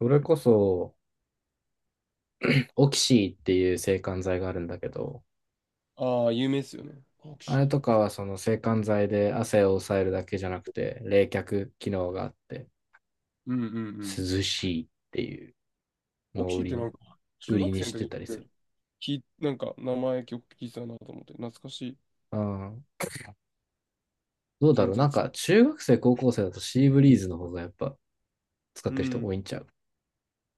それこそ、オキシーっていう制汗剤があるんだけど、ああ、有名ですよね。オクあシれー。とかはその制汗剤で汗を抑えるだけじゃなくて、冷却機能があって、うんうんうん。涼しいっていうオのクをシー売っりてなに、んか、中売り学に生のし時てにたりする。なんか名前曲聞いてたなと思って、懐かしい。ああ、どうだ全ろう。然なん使か、中学生、高校生だとシーブリーズの方がやっぱ使っう、うてる人ん。多いんちゃう。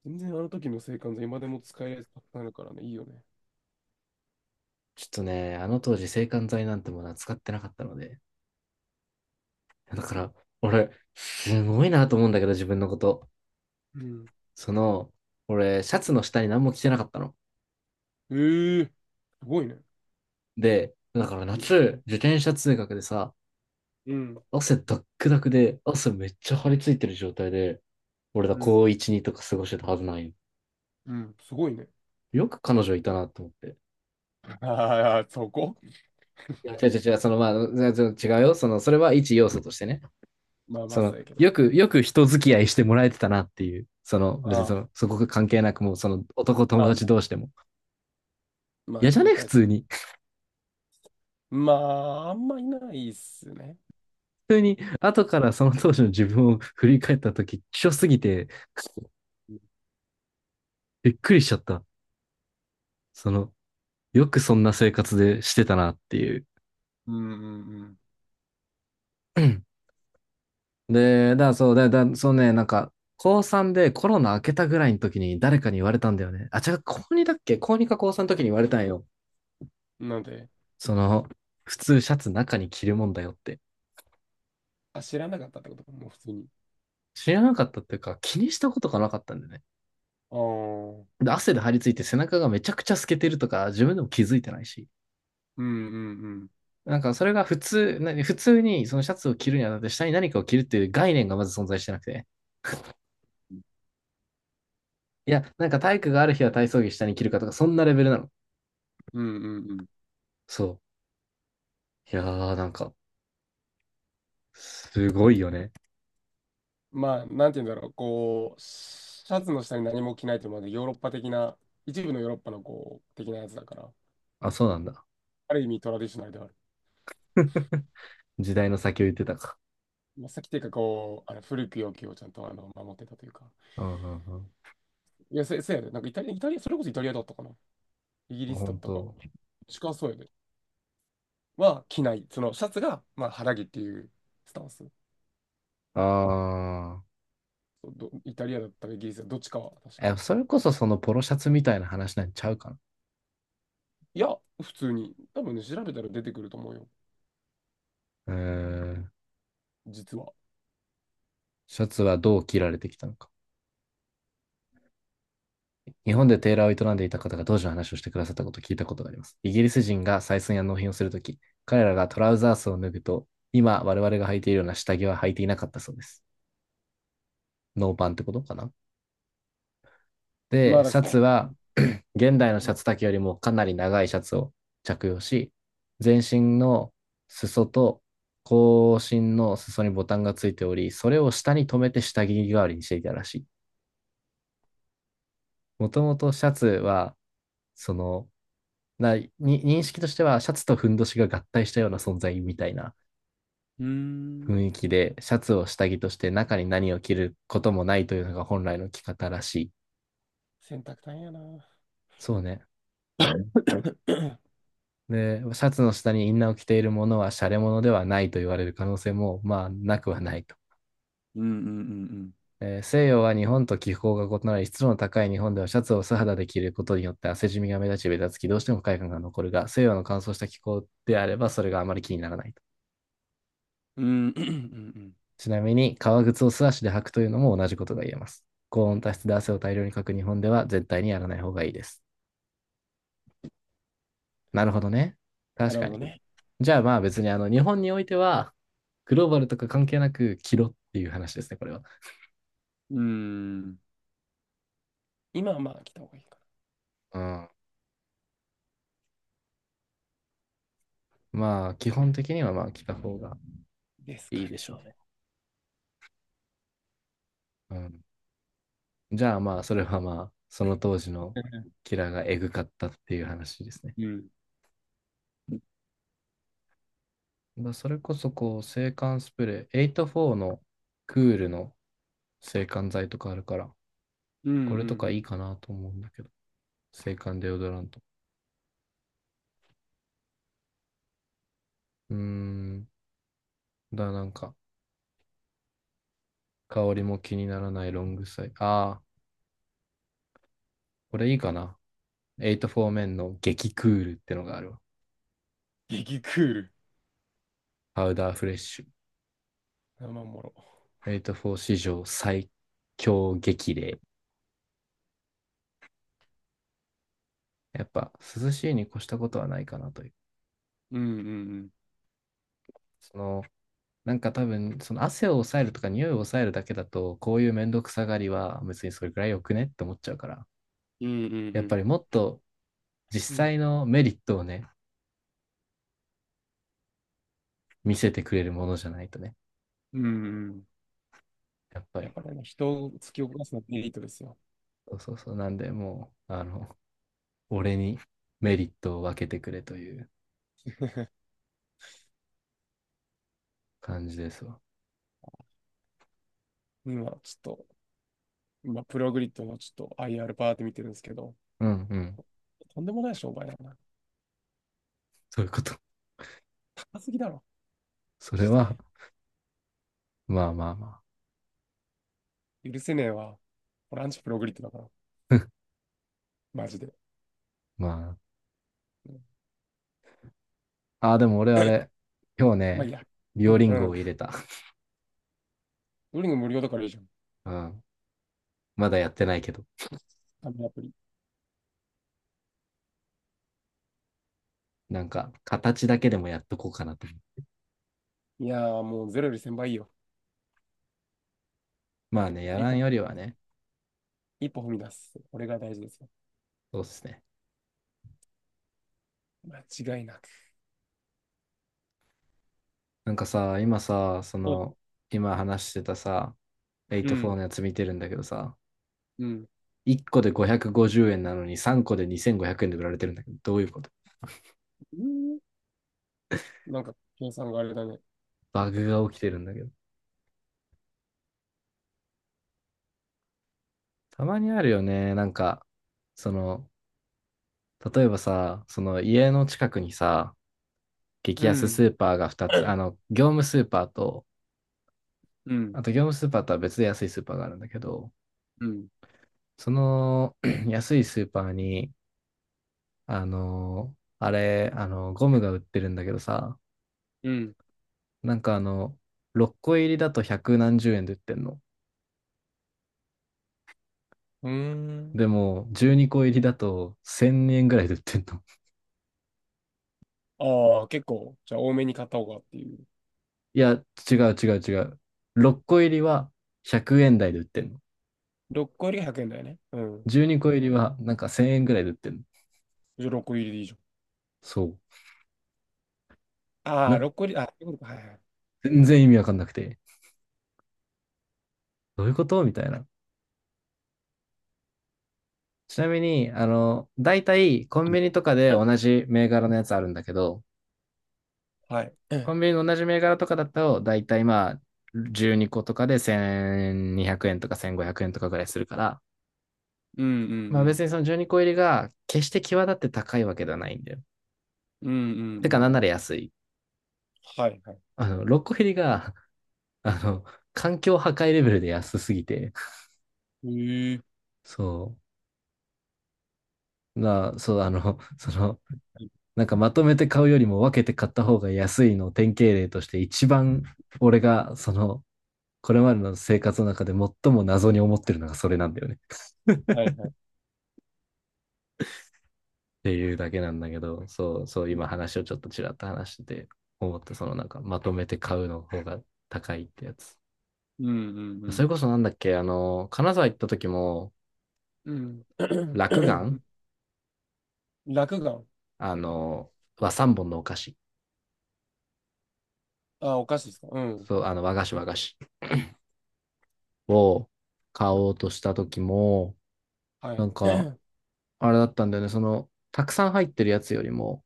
全然あの時の青函図、今でも使えるやつたくさんあるからね、いいよね。ちょっとね、あの当時制汗剤なんてものは使ってなかったので、だから、俺、すごいなと思うんだけど、自分のこと。うん。その、俺、シャツの下に何も着てなかったの。ええー、すごいね。で、だからいいよ。夏、自転車通学でさ、うん、汗ダックダクで、汗めっちゃ張り付いてる状態で、俺らうん、高1、2とか過ごしてたはずないよ。うん、すごいね。よく彼女いたなと思って。ああ、そこ。いや、違う違う違う、まあ、違う違うよ。それは一要素としてね。まあまそあ、その、うやけど。よく、よく人付き合いしてもらえてたなっていう。別にああ、そこが関係なくもう、男ま友あ達ま同あ、士でも。ま嫌あね、じゃ言いねた普いこ通と。に。まあ、あんまいないっすね。普通に、後からその当時の自分を振り返った時、希少すぎて、うん、びっくりしちゃった。その、よくそんな生活でしてたなっていう。うん、うん。で、だ、そう、だ、だ、そうね、なんか、高3でコロナ明けたぐらいの時に誰かに言われたんだよね。あ、違う、高2だっけ高2か高3の時に言われたんよ。うん、なんで。その、普通シャツ中に着るもんだよって。あ、知らなかったってことか、もう普通に。知らなかったっていうか、気にしたことがなかったんだよね。ああ、うんで、汗で張り付いて背中がめちゃくちゃ透けてるとか、自分でも気づいてないし。うんうん。なんか、それが普通にそのシャツを着るにあたって下に何かを着るっていう概念がまず存在してなくて。いや、なんか体育がある日は体操着下に着るかとか、そんなレベルなの。うんうんうん。そう。いやー、なんか、すごいよね。まあ、なんて言うんだろう、こう、シャツの下に何も着ないという、まで、ヨーロッパ的な、一部のヨーロッパのこう、的なやつだから、あ、そうなんだ。ある意味トラディショナルではある。時代の先を言ってたか。まあ、さっきというか、こう、あの古き良きをちゃんとあの守ってたというか。うんうんうん。いや、せやで、なんかイタリア、イタリア、それこそイタリアだったかな。イギリスだっ本たか。当。近そうやで。は、着ない。その、シャツが、まあ、肌着っていうスタンス。あそうど、イタリアだったかイギリスだったかどっちかは、確か。ー。え、それこそそのポロシャツみたいな話なんちゃうかな。いや、普通に。多分ね、調べたら出てくると思うよ。うーん。実は。シャツはどう着られてきたのか。日本でテーラーを営んでいた方が当時の話をしてくださったことを聞いたことがあります。イギリス人が採寸や納品をするとき、彼らがトラウザースを脱ぐと、今我々が履いているような下着は履いていなかったそうです。ノーパンってことかな。まあ、で、だシャツかは現代のらシャね。ツ丈よりもかなり長いシャツを着用し、全身の裾と後身の裾にボタンがついており、それを下に留めて下着代わりにしていたらしい。もともとシャツは、その、認識としてはシャツとふんどしが合体したような存在みたいなうー雰ん。囲気で、シャツを下着として中に何を着ることもないというのが本来の着方らしい。洗濯大変やな。そうね。で、シャツの下にインナーを着ているものはシャレ物ではないと言われる可能性も、まあ、なくはないと。うんうん西洋は日本と気候が異なり、湿度の高い日本ではシャツを素肌で着ることによって汗じみが目立ち、べたつき、どうしても不快感が残るが、西洋の乾燥した気候であればそれがあまり気にならないと。うんうんうん。うんうんうん。ちなみに、革靴を素足で履くというのも同じことが言えます。高温多湿で汗を大量にかく日本では絶対にやらない方がいいです。なるほどね。な確るかほに。どね。じゃあまあ別に日本においてはグローバルとか関係なく着ろっていう話ですね、これは。うんん。今はまあ来た方がいいかな。うん。まあ、基本的にはまあ着た方がですかいいね。でしょうね。うん。じゃあまあ、それはまあ、その当時のキラーがエグかったっていう話ですね。うんまあ、それこそ制汗スプレー、84のクールの制汗剤とかあるから、うんうんうこれとかいいん。かなと思うんだけど、制汗デオドラント。うーん。なんか、香りも気にならないロングサイ。ああ、これいいかな。84面の激クールってのがあるわ。激クール。パウダーフレッシュ。生もろ。グレイト4史上最強激励。やっぱ涼しいに越したことはないかなという。うんうんそのなんか多分、その汗を抑えるとか匂いを抑えるだけだと、こういうめんどくさがりは別にそれくらいよくねって思っちゃうから、うん。うんやうっぱりんもっと実うん。うん。際のメリットをね、見せてくれるものじゃないとね、うんうん。やっぱやっり。ぱりね、人を突き起こすのはメリットですよ。そうそうそう。なんで、もう、俺にメリットを分けてくれという感じですわ。今、ちょっと、今、プログリッドのちょっと IR パーって見てるんですけど、うんうん。とんでもない商売だな。そういうこと。高すぎだろ。そマれジは、で。まあまあま許せねえわ。こラアンチプログリッドだから。あ。 マジで。まあ、うん、ああ、でも俺あれ、今日まあいいね、や。ビうオん。リンうゴをん。入れた。ドリング無料だからいいじゃん。うん。まだやってないけど、ダメアプリ。なんか、形だけでもやっとこうかなと思う。いやーもうゼロより1000倍いいいよ。まあね、やっやぱ一らん歩。よりはね、一歩踏み出す。これが大事ですよ。そうっすね。間違いなく。なんかさ、今さ、うん。今話してたさ、エイトフォーのやつ見てるんだけどさ、うん。1個で550円なのに3個で2500円で売られてるんだけど、どういうこと？うん。なんか、計算があれだね。バグが起きてるんだけど。たまにあるよね、なんか、その、例えばさ、その家の近くにさ、激う安スん。ーパーが2つ、業務スーパーと、うん。あと業務スーパーとは別で安いスーパーがあるんだけど、うん。その 安いスーパーに、あの、あれ、あの、ゴムが売ってるんだけどさ、うん。なんか6個入りだと百何十円で売ってんの。うーん。でも、12個入りだと1000円ぐらいで売ってんの。ああ、結構、じゃあ多めに買った方がっていう。いや、違う違う違う。6個入りは100円台で売ってんの。6個入りが100円だよね。うん。12個入りはなんか1000円ぐらいで売ってんの。じゃあ6個入りでいいじゃん。そう。ああ、な、6個入り、あ、そういうことか、はいはい。全然意味わかんなくて。どういうことみたいな。ちなみに、大体コンビニとかで同じ銘柄のやつあるんだけど、はコンい。ビニの同じ銘柄とかだと、大体まあ、12個とかで1200円とか1500円とかぐらいするから、うんうんまあうん。別にその12個入りが決して際立って高いわけではないんだよ。うんうんうてんかなんなうらん。安い。はいはい。6個入りが、あの、環境破壊レベルで安すぎて、へえ。そう。そう、なんかまとめて買うよりも分けて買った方が安いのを典型例として一番俺がこれまでの生活の中で最も謎に思ってるのがそれなんだよねっはいはい。ていうだけなんだけど。そうそう、今話をちょっとちらっと話してて思った。なんかまとめて買うの方が高いってやつ。うんうそんれこそなんだっけ、あの金沢行った時も、うん。落う眼、ん。落雁。あのは三本のお菓子。あ、お菓子ですか。うん。そう、和菓子和菓子を買おうとした時も、はない。んか あれだったんだよね。たくさん入ってるやつよりも、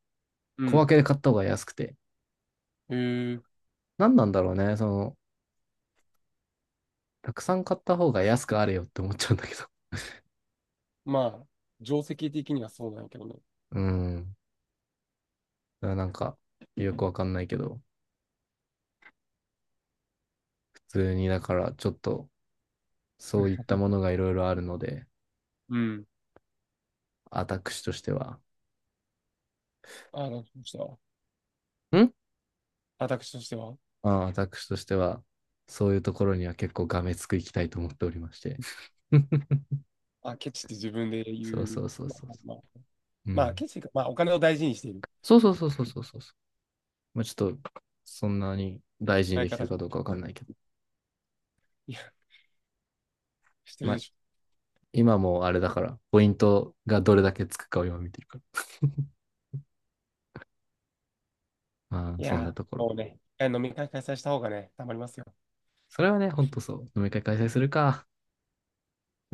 う小分ん。けで買った方が安くて。へえ。何なんだろうね。たくさん買った方が安くあれよって思っちゃうんだけど。まあ、定石的にはそうなんやけどね。うん。だからなんか、よくわかんないけど、普通に、だから、ちょっと、そういったものがいろいろあるので、うん。私としては、あ、どうしては。ん私としては。私としては、そういうところには結構がめつくいきたいと思っておりまして。あ、ケチって自分で言そうそう。うそうまあ、そうそまあ、う。うまあん。ケチか。まあ、お金を大事にしている。そうそうそうそうそうそうそう。まあ、ちょっと、そんなに大事に相できて方、るかどうかわかんないけど。いや、してまるであ、しょ。今もあれだから、ポイントがどれだけつくかを今見てるから。まあ、いそんなや、ところ。もうね、一回飲み会開催した方がね、たまりますよ。それはね、ほんとそう。飲み会開催するか。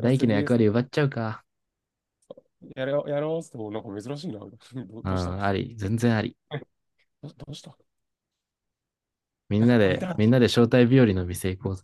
大 輝ラ の役 VS。 割奪っちゃうか。やろう、やろうって言っても、なんか珍しいな。ど、うどうした。 ん、あり。全然あり。ど、どうした。みんなんかなポインで、タみんーなで招待日和の店行こうぜ。